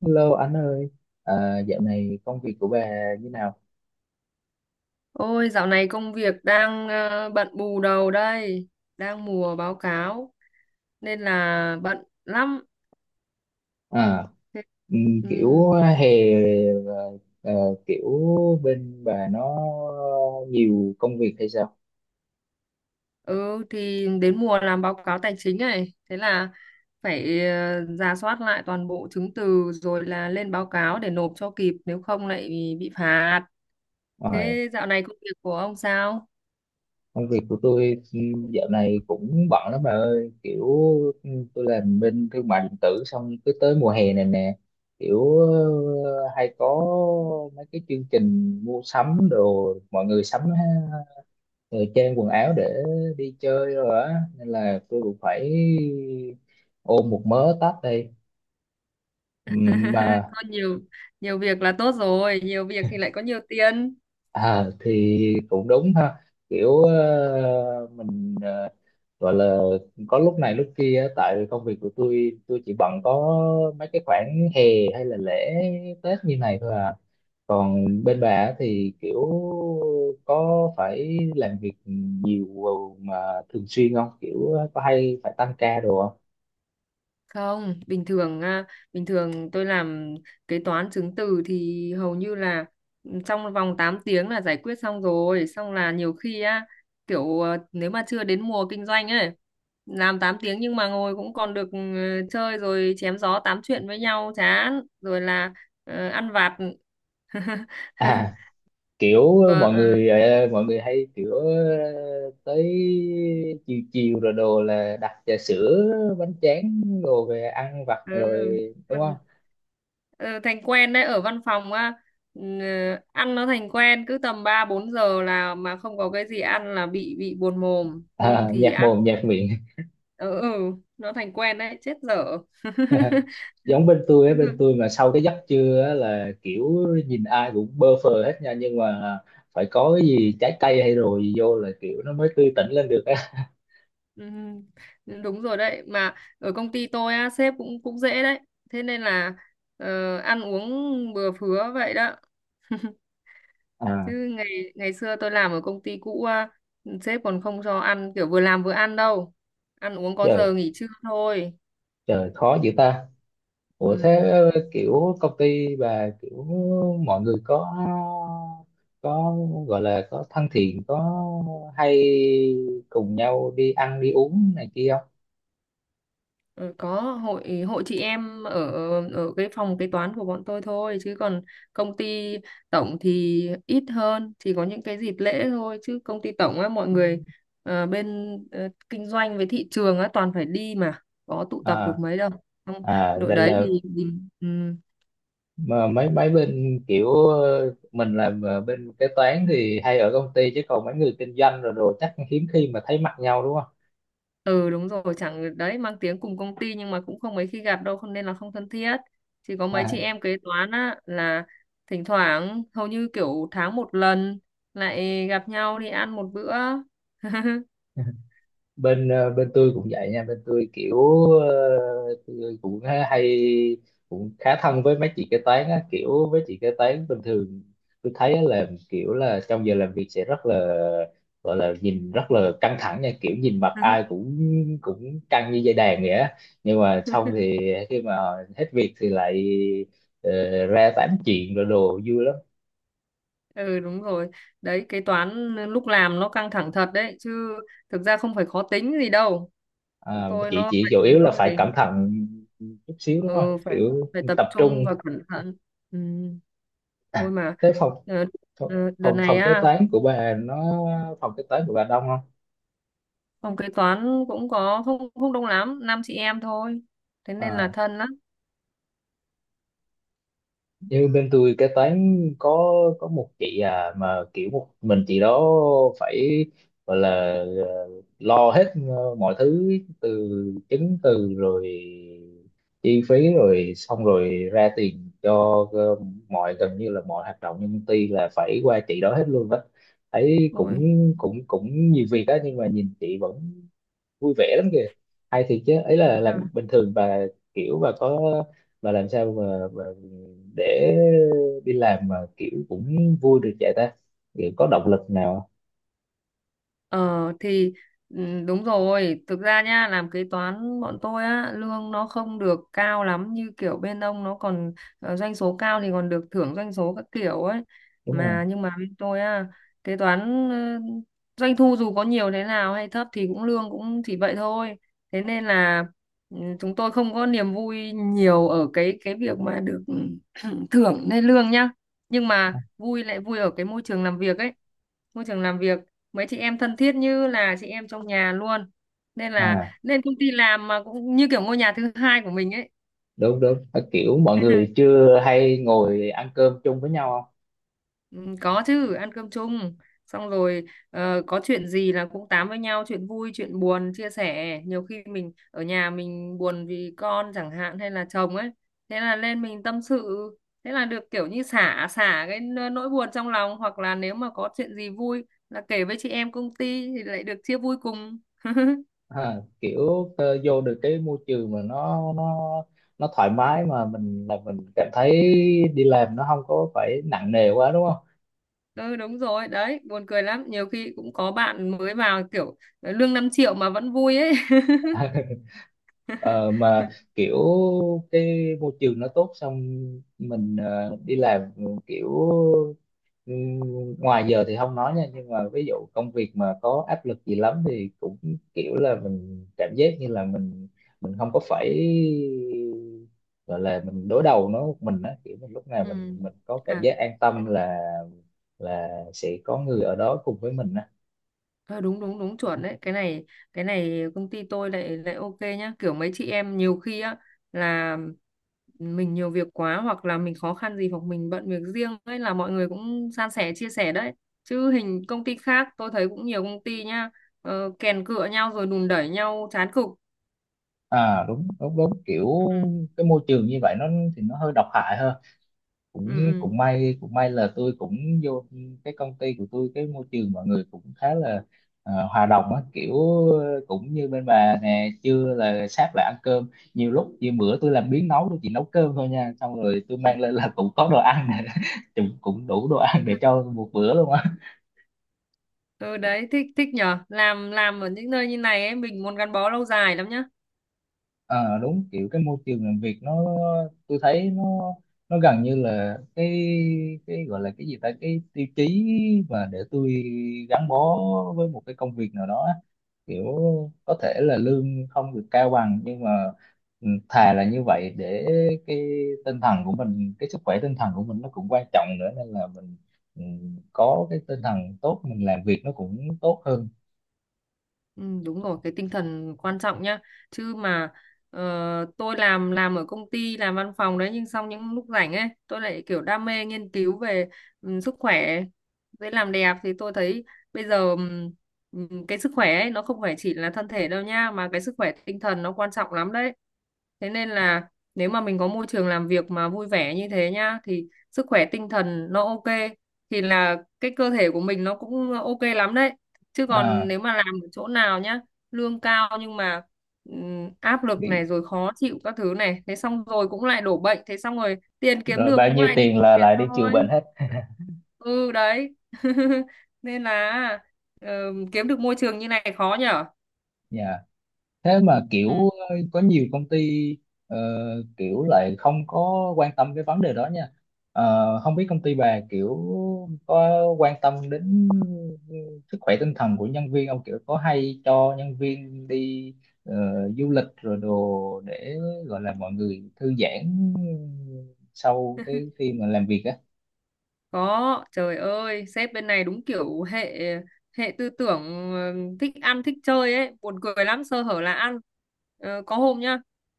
Hello anh ơi, dạo này công việc của bà như nào? Ôi, dạo này công việc đang bận bù đầu đây, đang mùa báo cáo nên là bận lắm. À, Thế- Ừ, kiểu hè ờ, ờ, kiểu bên bà nó nhiều công việc hay sao? ừ thì đến mùa làm báo cáo tài chính này, thế là phải rà soát lại toàn bộ chứng từ rồi là lên báo cáo để nộp cho kịp, nếu không lại bị phạt. Rồi, Thế dạo này công việc của ông sao? công việc của tôi dạo này cũng bận lắm bà ơi, kiểu tôi làm bên thương mại điện tử xong cứ tới mùa hè này nè, kiểu hay có mấy cái chương trình mua sắm đồ, mọi người sắm thời trang quần áo để đi chơi rồi á, nên là tôi cũng phải ôm một mớ tách đây. Ừm, mà Có nhiều nhiều việc là tốt rồi, nhiều việc thì lại có nhiều tiền. Thì cũng đúng ha, kiểu gọi là có lúc này lúc kia á, tại vì công việc của tôi chỉ bận có mấy cái khoảng hè hay là lễ Tết như này thôi à, còn bên bà á thì kiểu có phải làm việc nhiều mà thường xuyên không, kiểu có hay phải tăng ca đồ không? Không, bình thường à, bình thường tôi làm kế toán chứng từ thì hầu như là ừ, trong vòng 8 tiếng là giải quyết xong rồi, xong là nhiều khi á kiểu nếu mà chưa đến mùa kinh doanh ấy, làm 8 tiếng nhưng mà ngồi cũng còn được ừ, chơi rồi chém gió tám chuyện với nhau chán, rồi là ăn vặt. À kiểu ờ, Vâng, mọi à, người ờ, Mọi người hay kiểu tới chiều chiều rồi đồ là đặt trà sữa bánh tráng đồ về ăn vặt rồi ừ. đúng Còn- không? ừ, thành quen đấy ở văn phòng á, ừ, ăn nó thành quen, cứ tầm 3-4 giờ là mà không có cái gì ăn là bị buồn mồm hôm À, thì nhạt ăn. mồm nhạt miệng. Ừ, ừ, nó thành quen đấy, chết dở. Giống bên tôi á, bên tôi mà sau cái giấc trưa á là kiểu nhìn ai cũng bơ phờ hết nha, nhưng mà phải có cái gì trái cây hay rồi vô là kiểu nó mới tươi tỉnh lên được á. Ừ, ừ, đúng rồi đấy, mà ở công ty tôi á sếp cũng cũng dễ đấy, thế nên là ăn uống bừa phứa vậy đó. À, Chứ ngày ngày xưa tôi làm ở công ty cũ á, sếp còn không cho ăn kiểu vừa làm vừa ăn đâu, ăn uống có trời giờ nghỉ trưa thôi. trời khó dữ ta. Ủa Ừ. thế kiểu công ty bà kiểu mọi người có có gọi là có thân thiện, có hay cùng nhau đi ăn đi uống này kia không? Ờ, có hội hội chị em ở ở cái phòng kế toán của bọn tôi thôi, chứ còn công ty tổng thì ít hơn, chỉ có những cái dịp lễ thôi, chứ công ty tổng á mọi người bên kinh doanh với thị trường á toàn phải đi mà, có tụ tập được À, mấy đâu. Không, à đội vậy đấy là thì ừ. mà mấy mấy bên kiểu ờ, mình là mà bên kế toán thì hay ở công ty, chứ còn mấy người kinh doanh rồi đồ chắc hiếm khi mà thấy mặt nhau đúng không? Ừ, đúng rồi chẳng đấy, mang tiếng cùng công ty nhưng mà cũng không mấy khi gặp đâu, không nên là không thân thiết, chỉ có mấy chị em kế toán á là thỉnh thoảng, hầu như kiểu tháng một lần lại gặp nhau đi ăn một bữa. À, bên bên tôi cũng vậy nha, bên tôi kiểu tôi cũng hay, cũng khá thân với mấy chị kế toán á, kiểu với chị kế toán bình thường tôi thấy á là kiểu là trong giờ làm việc sẽ rất là, gọi là nhìn rất là căng thẳng nha, kiểu nhìn mặt ai cũng cũng căng như dây đàn vậy á, nhưng mà xong thì khi mà hết việc thì lại ờ, ra tám chuyện rồi đồ vui lắm. Ừ, đúng rồi đấy, kế toán lúc làm nó căng thẳng thật đấy chứ, thực ra không phải khó tính gì đâu. Bọn À, tôi chị nó chị chủ phải yếu nó là phải gì. cẩn thận chút xíu đúng không, Ừ, phải kiểu phải tập tập trung trung. và cẩn thận. Ừ. Ôi À, mà thế phòng, ờ, Phòng, đợt phòng này phòng kế á toán của bà nó, phòng kế toán của bà đông không? phòng kế toán cũng có không không đông lắm, năm chị em thôi, thế nên là À, thân lắm nhưng bên tôi kế toán có một chị à, mà kiểu một mình chị đó phải gọi là ờ, lo hết mọi thứ, từ chứng từ rồi chi phí rồi xong rồi ra tiền cho ờ, mọi gần như là mọi hoạt động trong công ty là phải qua chị đó hết luôn đó. Thấy cũng rồi. cũng cũng nhiều việc đó, nhưng mà nhìn chị vẫn vui vẻ lắm kìa. Hay thiệt chứ, ấy là làm bình thường bà kiểu bà có, bà làm sao mà để đi làm mà kiểu cũng vui được vậy ta, kiểu có động lực nào Ờ thì ừ, đúng rồi, thực ra nha, làm kế toán bọn tôi á, lương nó không được cao lắm, như kiểu bên ông nó còn doanh số cao thì còn được thưởng doanh số các kiểu ấy. đúng không? Mà nhưng mà bên tôi á, kế toán ờ, doanh thu dù có nhiều thế nào hay thấp thì cũng lương cũng chỉ vậy thôi. Thế nên là ừ, chúng tôi không có niềm vui nhiều ở cái việc mà được thưởng hay lương nhá. Nhưng mà vui lại vui ở cái môi trường làm việc ấy, môi trường làm việc mấy chị em thân thiết như là chị em trong nhà luôn, nên là À lên công ty làm mà cũng như kiểu ngôi nhà thứ hai của mình ấy. đúng đúng. À, kiểu mọi người chưa hay ngồi ăn cơm chung với nhau không? Ừ, có chứ, ăn cơm chung xong rồi có chuyện gì là cũng tám với nhau, chuyện vui chuyện buồn chia sẻ. Nhiều khi mình ở nhà mình buồn vì con chẳng hạn hay là chồng ấy, thế là lên mình tâm sự, thế là được kiểu như xả xả cái nỗi buồn trong lòng, hoặc là nếu mà có chuyện gì vui là kể với chị em công ty thì lại được chia vui cùng. À, kiểu vô được cái môi trường mà nó thoải mái mà mình cảm thấy đi làm nó không có phải nặng nề quá đúng không? Ừ đúng rồi, đấy, buồn cười lắm. Nhiều khi cũng có bạn mới vào kiểu lương 5 triệu mà vẫn vui ấy. Ờ, mà kiểu cái môi trường nó tốt, xong mình đi làm ừ, ngoài giờ thì không nói nha, nhưng mà ví dụ công việc mà có áp lực gì lắm thì cũng kiểu là mình cảm giác như là mình không có phải gọi là mình đối đầu nó một mình á, kiểu mình lúc nào mình Ừ. mình có cảm À, giác an tâm là sẽ có người ở đó cùng với mình á. ờ, đúng đúng đúng chuẩn đấy. Cái này công ty tôi lại lại ok nhá. Kiểu mấy chị em nhiều khi á là mình nhiều việc quá hoặc là mình khó khăn gì hoặc mình bận việc riêng ấy là mọi người cũng san sẻ chia sẻ đấy. Chứ hình công ty khác tôi thấy cũng nhiều công ty nhá, kèn cựa nhau rồi đùn đẩy nhau chán cực. À đúng đúng đúng, kiểu Ừ. cái môi trường như vậy nó thì nó hơi độc hại hơn. cũng Ừ. cũng may cũng may là tôi cũng vô cái công ty của tôi, cái môi trường mọi người cũng khá là hòa đồng á, kiểu cũng như bên bà nè, trưa là sát lại ăn cơm, nhiều lúc như bữa tôi làm biếng nấu, tôi chỉ nấu cơm thôi nha, xong rồi tôi Ừ. mang lên là cũng có đồ ăn. cũng cũng đủ đồ ăn để cho một bữa luôn á. Ừ đấy, thích thích nhở, làm ở những nơi như này ấy mình muốn gắn bó lâu dài lắm nhá. Ờ đúng, kiểu cái môi trường làm việc nó, tôi thấy nó gần như là cái gọi là cái gì ta, cái tiêu chí mà để tôi gắn bó với một cái công việc nào đó á. Kiểu có thể là lương không được cao bằng, nhưng mà ừ, thà là như vậy để cái tinh thần của mình, cái sức khỏe tinh thần của mình nó cũng quan trọng nữa, nên là mình ừ, có cái tinh thần tốt mình làm việc nó cũng tốt hơn. Ừ, đúng rồi, cái tinh thần quan trọng nhá, chứ mà ờ, tôi làm ở công ty làm văn phòng đấy, nhưng xong những lúc rảnh ấy tôi lại kiểu đam mê nghiên cứu về ừ, sức khỏe với làm đẹp, thì tôi thấy bây giờ cái sức khỏe ấy nó không phải chỉ là thân thể đâu nha, mà cái sức khỏe tinh thần nó quan trọng lắm đấy. Thế nên là nếu mà mình có môi trường làm việc mà vui vẻ như thế nhá thì sức khỏe tinh thần nó ok, thì là cái cơ thể của mình nó cũng ok lắm đấy. Chứ còn À, nếu mà làm ở chỗ nào nhá lương cao nhưng mà áp lực bị, này rồi khó chịu các thứ này, thế xong rồi cũng lại đổ bệnh, thế xong rồi tiền kiếm rồi được bao cũng nhiêu lại đi tiền bệnh là viện lại đi trừ bệnh thôi. hết. Ừ đấy. Nên là ờ, kiếm được môi trường như này khó nhở. Dạ, thế mà kiểu Ừ. Có nhiều công ty ờ, kiểu lại không có quan tâm cái vấn đề đó nha. Ờ, không biết công ty bà kiểu có quan tâm đến sức khỏe tinh thần của nhân viên không, kiểu có hay cho nhân viên đi ờ, du lịch rồi đồ để gọi là mọi người thư giãn sau cái khi mà làm việc á. Có, trời ơi, sếp bên này đúng kiểu hệ hệ tư tưởng thích ăn thích chơi ấy, buồn cười lắm, sơ hở là ăn. Ờ, có hôm nhá,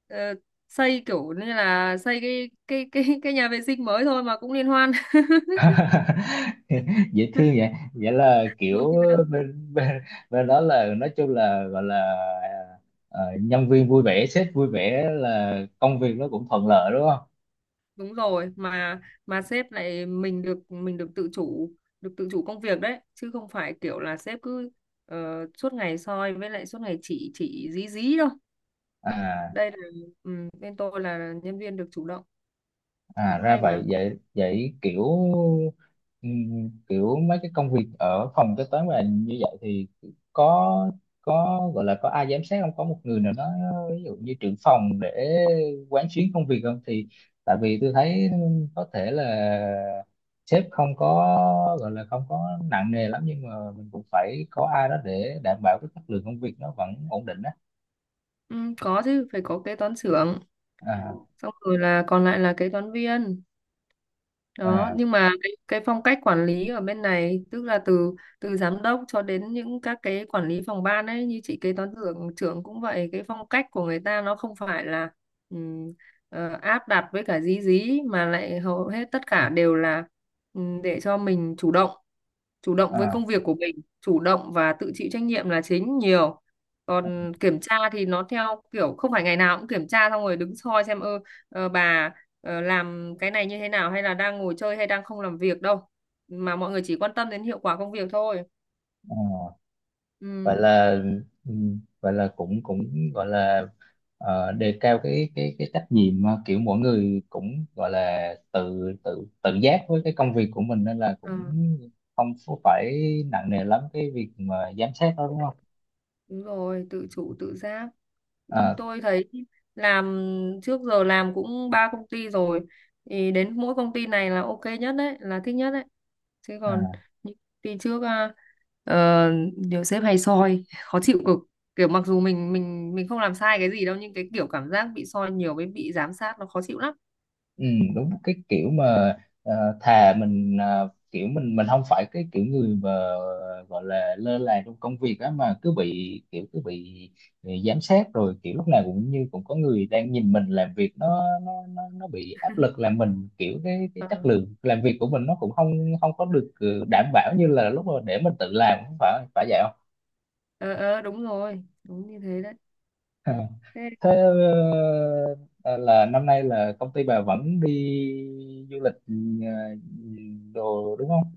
ờ, xây kiểu như là xây cái cái nhà vệ sinh mới thôi mà cũng liên hoan. Dễ thương vậy, vậy là Buồn kiểu cười lắm. bên bên bên đó là nói chung là gọi là nhân viên vui vẻ, sếp vui vẻ là Ừ, công việc nó cũng thuận lợi đúng không? đúng rồi, mà sếp lại mình được tự chủ, được tự chủ công việc đấy, chứ không phải kiểu là sếp cứ suốt ngày soi với lại suốt ngày chỉ dí dí đâu. À, Đây là ừ, bên tôi là nhân viên được chủ động, à cũng ra hay mà. vậy vậy vậy kiểu kiểu mấy cái công việc ở phòng kế toán mà như vậy thì có có gọi là có ai giám sát không, có một người nào đó ví dụ như trưởng phòng để quán xuyến công việc không, thì tại vì tôi thấy có thể là sếp không có gọi là không có nặng nề lắm, nhưng mà mình cũng phải có ai đó để đảm bảo cái chất lượng công việc nó vẫn ổn định á. Ừ, có chứ phải có kế toán trưởng, À xong rồi là còn lại là kế toán viên đó. à Nhưng mà cái phong cách quản lý ở bên này tức là từ từ giám đốc cho đến những các cái quản lý phòng ban ấy như chị kế toán trưởng trưởng cũng vậy, cái phong cách của người ta nó không phải là ừm, áp đặt với cả dí dí, mà lại hầu hết tất cả đều là để cho mình chủ động với à, công việc của mình, chủ động và tự chịu trách nhiệm là chính nhiều. Còn kiểm tra thì nó theo kiểu không phải ngày nào cũng kiểm tra xong rồi đứng soi xem ơ bà làm cái này như thế nào, hay là đang ngồi chơi hay đang không làm việc đâu, mà mọi người chỉ quan tâm đến hiệu quả công việc thôi. à. Gọi Ừ. là gọi là cũng cũng gọi là đề cao cái trách nhiệm mà kiểu mỗi người cũng gọi là tự tự tự giác với cái công việc của mình, nên là À, cũng không phải nặng nề lắm cái việc mà giám sát đó đúng không? đúng rồi tự chủ tự giác, nhưng Ờ, tôi thấy làm trước giờ làm cũng ba công ty rồi, thì đến mỗi công ty này là ok nhất đấy, là thích nhất đấy. Chứ còn à. những công ty trước à, ờ, nhiều sếp hay soi khó chịu cực, kiểu mặc dù mình không làm sai cái gì đâu nhưng cái kiểu cảm giác bị soi nhiều với bị giám sát nó khó chịu lắm. Ừ, đúng cái kiểu mà ờ, thà mình kiểu mình không phải cái kiểu người mà gọi là lơ là trong công việc á, mà cứ bị kiểu cứ bị giám sát rồi kiểu lúc nào cũng như cũng có người đang nhìn mình làm việc, nó bị áp lực làm mình kiểu cái Ờ. chất lượng làm việc của mình nó cũng không không có được đảm bảo như là lúc mà để mình tự làm, không phải phải vậy không? Ờ ờ đúng rồi, đúng như thế đấy. À, Thế thế ờ, là năm nay là công ty bà vẫn đi du lịch ờ, đồ đúng không?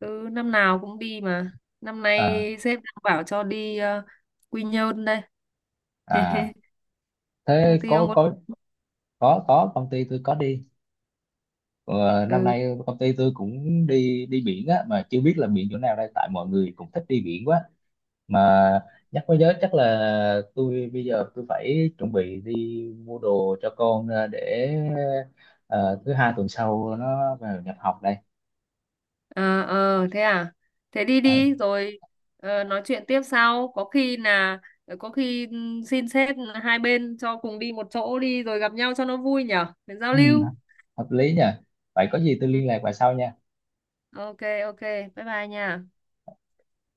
cứ năm nào cũng đi mà, năm nay À, sếp đang bảo cho đi Quy Nhơn đây. à thế Công ty ông có có có có công ty tôi có đi. Ờ, năm ừ. nay công ty tôi cũng đi đi biển á, mà chưa biết là biển chỗ nào đây, tại mọi người cũng thích đi biển quá. À, nhắc mới nhớ, chắc là tôi bây giờ tôi phải chuẩn bị đi mua đồ cho con để ờ, thứ hai tuần sau nó vào nhập học đây. À, ờ thế à, thế đi đi rồi nói chuyện tiếp sau, có khi là có khi xin sếp hai bên cho cùng đi một chỗ đi rồi gặp nhau cho nó vui nhở, để giao Ừ, lưu. hợp lý nhỉ, vậy có gì tôi Ừ. liên lạc bà sau nha. Ok, ok, bye bye nha.